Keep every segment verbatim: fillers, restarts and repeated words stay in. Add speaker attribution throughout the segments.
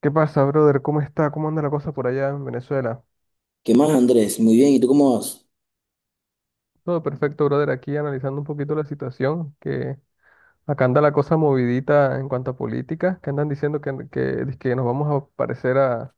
Speaker 1: ¿Qué pasa, brother? ¿Cómo está? ¿Cómo anda la cosa por allá en Venezuela?
Speaker 2: ¿Qué más, Andrés? Muy bien, ¿y tú cómo vas?
Speaker 1: Todo perfecto, brother. Aquí analizando un poquito la situación, que acá anda la cosa movidita en cuanto a política, que andan diciendo que, que, que nos vamos a parecer a,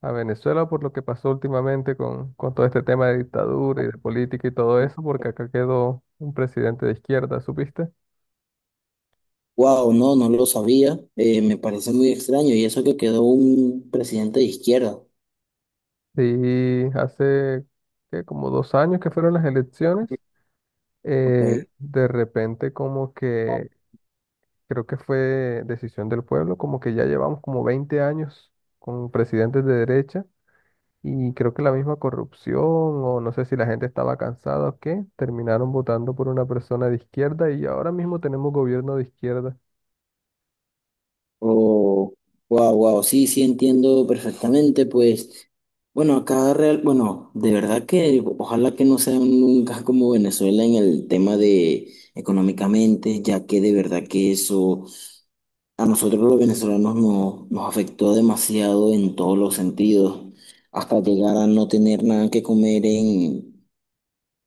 Speaker 1: a Venezuela por lo que pasó últimamente con, con todo este tema de dictadura y de política y todo eso, porque acá quedó un presidente de izquierda. ¿Supiste?
Speaker 2: Wow, no, no lo sabía. Eh, me parece muy extraño. Y eso que quedó un presidente de izquierda.
Speaker 1: Sí, hace ¿qué?, como dos años que fueron las elecciones.
Speaker 2: Ok.
Speaker 1: Eh, de repente como que creo que fue decisión del pueblo, como que ya llevamos como veinte años con presidentes de derecha, y creo que la misma corrupción, o no sé si la gente estaba cansada o qué, terminaron votando por una persona de izquierda y ahora mismo tenemos gobierno de izquierda.
Speaker 2: Oh, wow, wow, sí, sí entiendo perfectamente. Pues, bueno, acá real, bueno, de verdad que ojalá que no sea nunca como Venezuela en el tema de económicamente, ya que de verdad que eso. A nosotros los venezolanos nos, nos afectó demasiado en todos los sentidos, hasta llegar a no tener nada que comer en,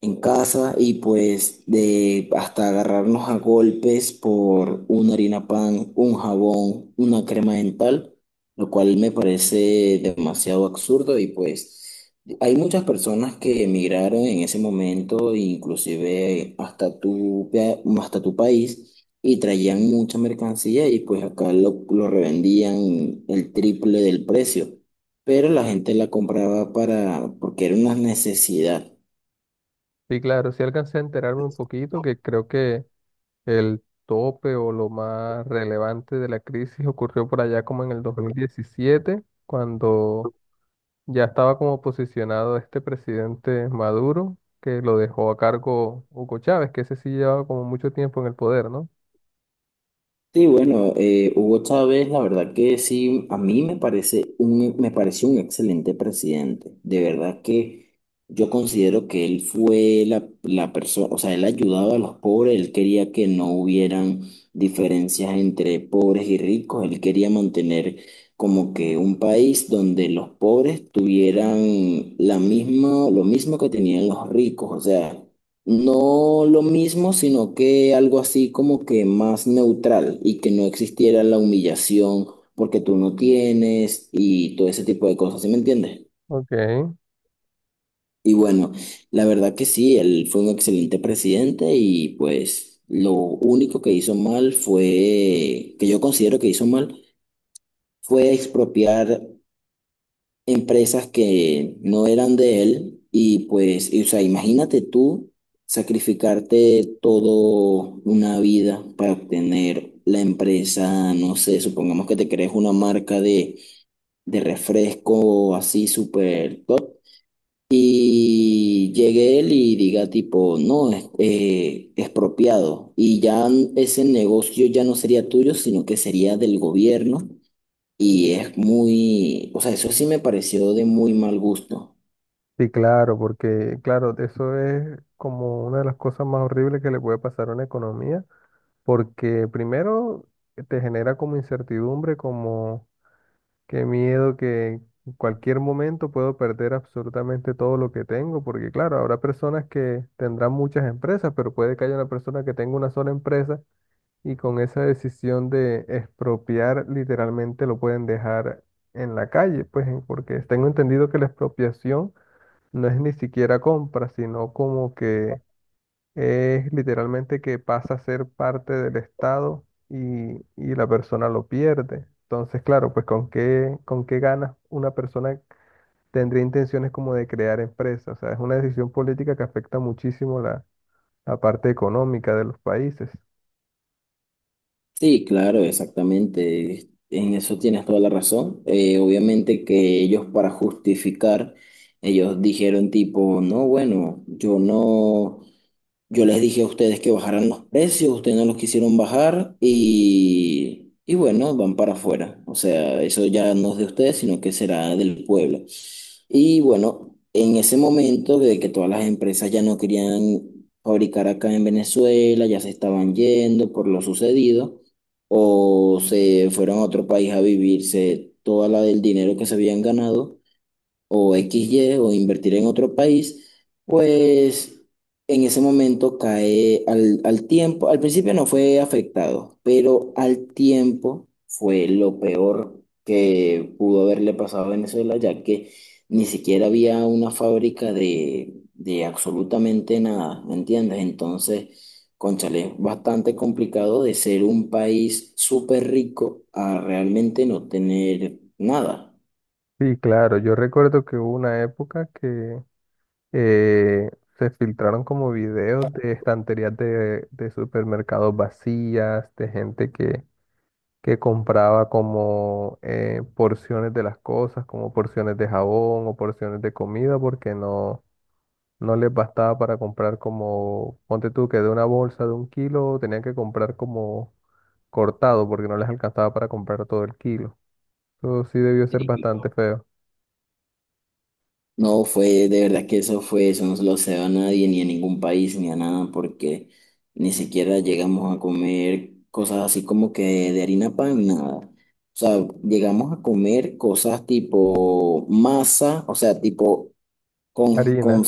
Speaker 2: en casa y pues de hasta agarrarnos a golpes por una harina pan, un jabón, una crema dental, lo cual me parece demasiado absurdo y pues hay muchas personas que emigraron en ese momento, inclusive hasta tu, pa- hasta tu país. Y traían mucha mercancía y pues acá lo, lo revendían el triple del precio. Pero la gente la compraba para, porque era una necesidad.
Speaker 1: Y claro, sí alcancé a enterarme un poquito que creo que el tope o lo más relevante de la crisis ocurrió por allá como en el dos mil diecisiete, cuando ya estaba como posicionado este presidente Maduro, que lo dejó a cargo Hugo Chávez, que ese sí llevaba como mucho tiempo en el poder, ¿no?
Speaker 2: Sí, bueno, eh, Hugo Chávez, la verdad que sí, a mí me parece un, me pareció un excelente presidente. De verdad que yo considero que él fue la, la persona, o sea, él ayudaba a los pobres, él quería que no hubieran diferencias entre pobres y ricos, él quería mantener como que un país donde los pobres tuvieran la misma, lo mismo que tenían los ricos, o sea. No lo mismo, sino que algo así como que más neutral y que no existiera la humillación porque tú no tienes y todo ese tipo de cosas, ¿sí me entiendes?
Speaker 1: Ok,
Speaker 2: Y bueno, la verdad que sí, él fue un excelente presidente y pues lo único que hizo mal fue, que yo considero que hizo mal, fue expropiar empresas que no eran de él y pues, y, o sea, imagínate tú sacrificarte todo una vida para obtener la empresa, no sé, supongamos que te crees una marca de, de refresco así súper top y llegue él y diga tipo, no, es eh, expropiado y ya ese negocio ya no sería tuyo, sino que sería del gobierno y es muy, o sea, eso sí me pareció de muy mal gusto.
Speaker 1: sí, claro, porque claro, eso es como una de las cosas más horribles que le puede pasar a una economía, porque primero te genera como incertidumbre, como qué miedo que en cualquier momento puedo perder absolutamente todo lo que tengo, porque claro, habrá personas que tendrán muchas empresas, pero puede que haya una persona que tenga una sola empresa. Y con esa decisión de expropiar, literalmente lo pueden dejar en la calle, pues en- porque tengo entendido que la expropiación no es ni siquiera compra, sino como que es literalmente que pasa a ser parte del Estado y, y la persona lo pierde. Entonces, claro, pues con qué, con qué ganas una persona tendría intenciones como de crear empresas. O sea, es una decisión política que afecta muchísimo la, la parte económica de los países.
Speaker 2: Sí, claro, exactamente. En eso tienes toda la razón. Eh, obviamente que ellos para justificar, ellos dijeron tipo, no, bueno, yo no. Yo les dije a ustedes que bajaran los precios, ustedes no los quisieron bajar y, y bueno, van para afuera. O sea, eso ya no es de ustedes, sino que será del pueblo. Y bueno, en ese momento de que todas las empresas ya no querían fabricar acá en Venezuela, ya se estaban yendo por lo sucedido, o se fueron a otro país a vivirse toda la del dinero que se habían ganado o x y o invertir en otro país, pues en ese momento cae al, al tiempo. Al principio no fue afectado, pero al tiempo fue lo peor que pudo haberle pasado a Venezuela, ya que ni siquiera había una fábrica de, de absolutamente nada, ¿me entiendes? Entonces, cónchale, es bastante complicado de ser un país súper rico a realmente no tener nada.
Speaker 1: Sí, claro, yo recuerdo que hubo una época que, eh, se filtraron como videos de estanterías de, de supermercados vacías, de gente que, que compraba como eh, porciones de las cosas, como porciones de jabón o porciones de comida, porque no, no les bastaba para comprar como, ponte tú que de una bolsa de un kilo tenían que comprar como cortado, porque no les alcanzaba para comprar todo el kilo. Eso sí debió ser
Speaker 2: Sí.
Speaker 1: bastante feo.
Speaker 2: No, fue de verdad que eso fue, eso no se lo se a nadie, ni a ningún país, ni a nada, porque ni siquiera llegamos a comer cosas así como que de harina pan, nada. O sea, llegamos a comer cosas tipo masa, o sea, tipo con,
Speaker 1: Harinas.
Speaker 2: con-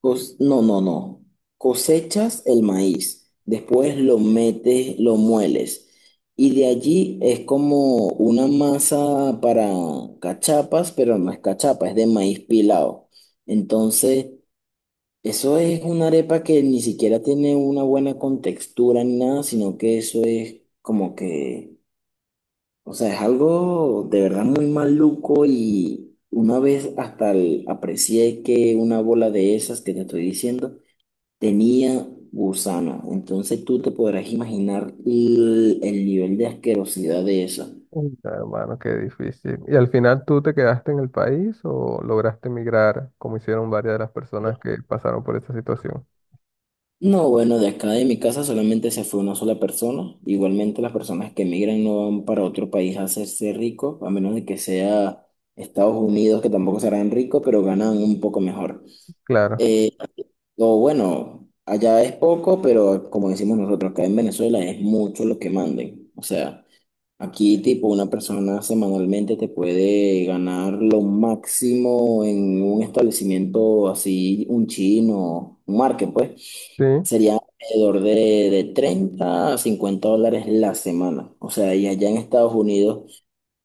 Speaker 2: cos- no, no, no. Cosechas el maíz, después lo metes, lo mueles. Y de allí es como una masa para cachapas, pero no es cachapa, es de maíz pilado. Entonces, eso es una arepa que ni siquiera tiene una buena contextura ni nada, sino que eso es como que o sea, es algo de verdad muy maluco y una vez hasta el- aprecié que una bola de esas que te estoy diciendo tenía gusano. Entonces tú te podrás imaginar el, el nivel de asquerosidad de eso.
Speaker 1: Uy, hermano, qué difícil. ¿Y al final tú te quedaste en el país o lograste emigrar, como hicieron varias de las personas que pasaron por esta situación?
Speaker 2: No, bueno, de acá de mi casa solamente se fue una sola persona. Igualmente las personas que emigran no van para otro país a hacerse ricos, a menos de que sea Estados Unidos, que tampoco serán ricos, pero ganan un poco mejor.
Speaker 1: Claro,
Speaker 2: Eh, Lo bueno, allá es poco, pero como decimos nosotros, acá en Venezuela es mucho lo que manden. O sea, aquí tipo una persona semanalmente te puede ganar lo máximo en un establecimiento así, un chino, un market, pues,
Speaker 1: sí,
Speaker 2: sería alrededor de, de treinta a cincuenta dólares la semana. O sea, y allá en Estados Unidos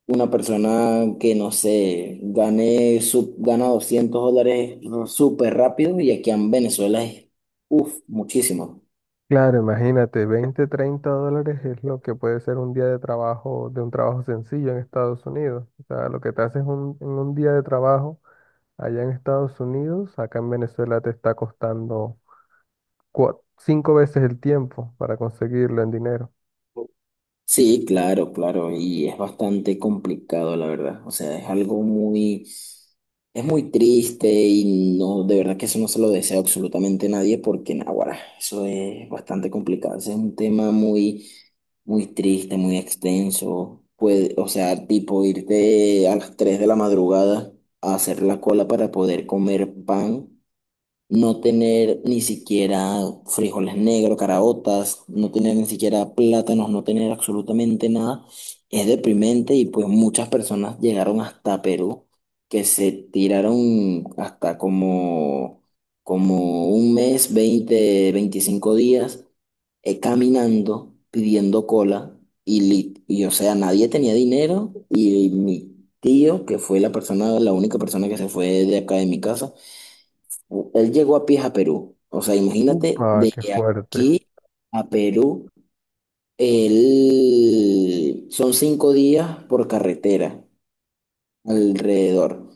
Speaker 2: una persona que, no sé, gane, su- gana doscientos dólares súper rápido y aquí en Venezuela es, uff, muchísimo.
Speaker 1: claro, imagínate, veinte o treinta dólares es lo que puede ser un día de trabajo, de un trabajo sencillo en Estados Unidos. O sea, lo que te haces un- en un día de trabajo allá en Estados Unidos, acá en Venezuela te está costando cua- cinco veces el tiempo para conseguirlo en dinero.
Speaker 2: Sí, claro, claro, y es bastante complicado, la verdad. O sea, es algo muy, es muy triste y no, de verdad que eso no se lo desea absolutamente nadie porque, naguará, eso es bastante complicado. Ese es un tema muy, muy triste, muy extenso. Puede, o sea, tipo irte a las tres de la madrugada a hacer la cola para poder comer pan no tener ni siquiera frijoles negros, caraotas, no tener ni siquiera plátanos, no tener absolutamente nada, es deprimente y pues muchas personas llegaron hasta Perú, que se tiraron hasta como, como un mes, veinte, veinticinco días eh, caminando, pidiendo cola y, li- y o sea, nadie tenía dinero y mi tío, que fue la persona, la única persona que se fue de acá de mi casa, él llegó a pies a Perú. O sea, imagínate,
Speaker 1: Upa,
Speaker 2: de
Speaker 1: qué fuerte.
Speaker 2: aquí a Perú, él- son cinco días por carretera alrededor.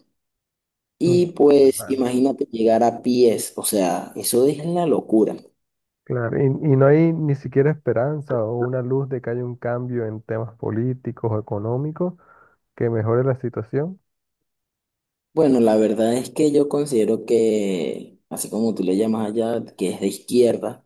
Speaker 1: Uf,
Speaker 2: Y pues imagínate llegar a pies, o sea, eso es la locura.
Speaker 1: claro, y, y no hay ni siquiera esperanza o una luz de que haya un cambio en temas políticos o económicos que mejore la situación.
Speaker 2: Bueno, la verdad es que yo considero que, así como tú le llamas allá, que es de izquierda,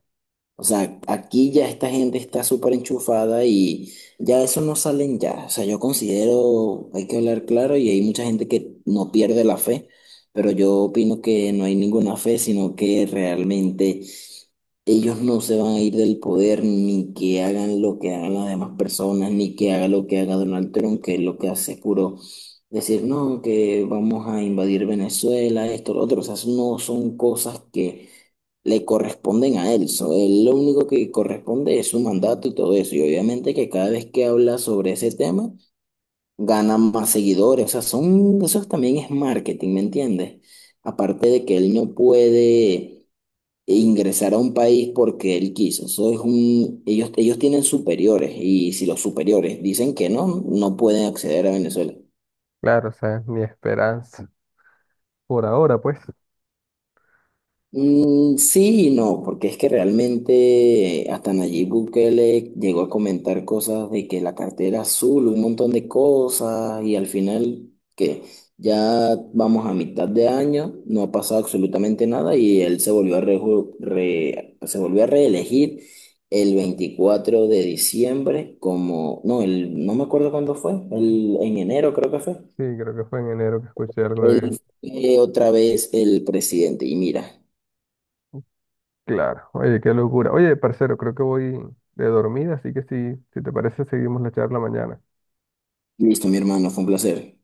Speaker 2: o sea, aquí ya esta gente está súper enchufada y ya eso no salen ya. O sea, yo considero, hay que hablar claro y hay mucha gente que no pierde la fe, pero yo opino que no hay ninguna fe, sino que realmente ellos no se van a ir del poder ni que hagan lo que hagan las demás personas, ni que haga lo que haga Donald Trump, que es lo que hace es puro decir, no, que vamos a invadir Venezuela, esto, lo otro. O sea, eso no son cosas que le corresponden a él. So, él lo único que corresponde es su mandato y todo eso. Y obviamente que cada vez que habla sobre ese tema, gana más seguidores. O sea, son, eso también es marketing, ¿me entiendes? Aparte de que él no puede e ingresar a un país porque él quiso. Eso es un, ellos, ellos tienen superiores y si los superiores dicen que no, no pueden acceder a Venezuela.
Speaker 1: Claro, o sea, ni esperanza. Por ahora, pues.
Speaker 2: Mm, sí y no, porque es que realmente eh, hasta Nayib Bukele llegó a comentar cosas de que la cartera azul, un montón de cosas, y al final que ya vamos a mitad de año, no ha pasado absolutamente nada y él se volvió a, reju- re- se volvió a reelegir el veinticuatro de diciembre como, no, el, no me acuerdo cuándo fue, el, en enero creo que fue,
Speaker 1: Sí, creo que fue en enero que escuché algo de...
Speaker 2: él fue otra vez el presidente y mira,
Speaker 1: Claro, oye, qué locura. Oye, parcero, creo que voy de dormida, así que si, si te parece, seguimos la charla mañana.
Speaker 2: listo mi hermano, fue un placer.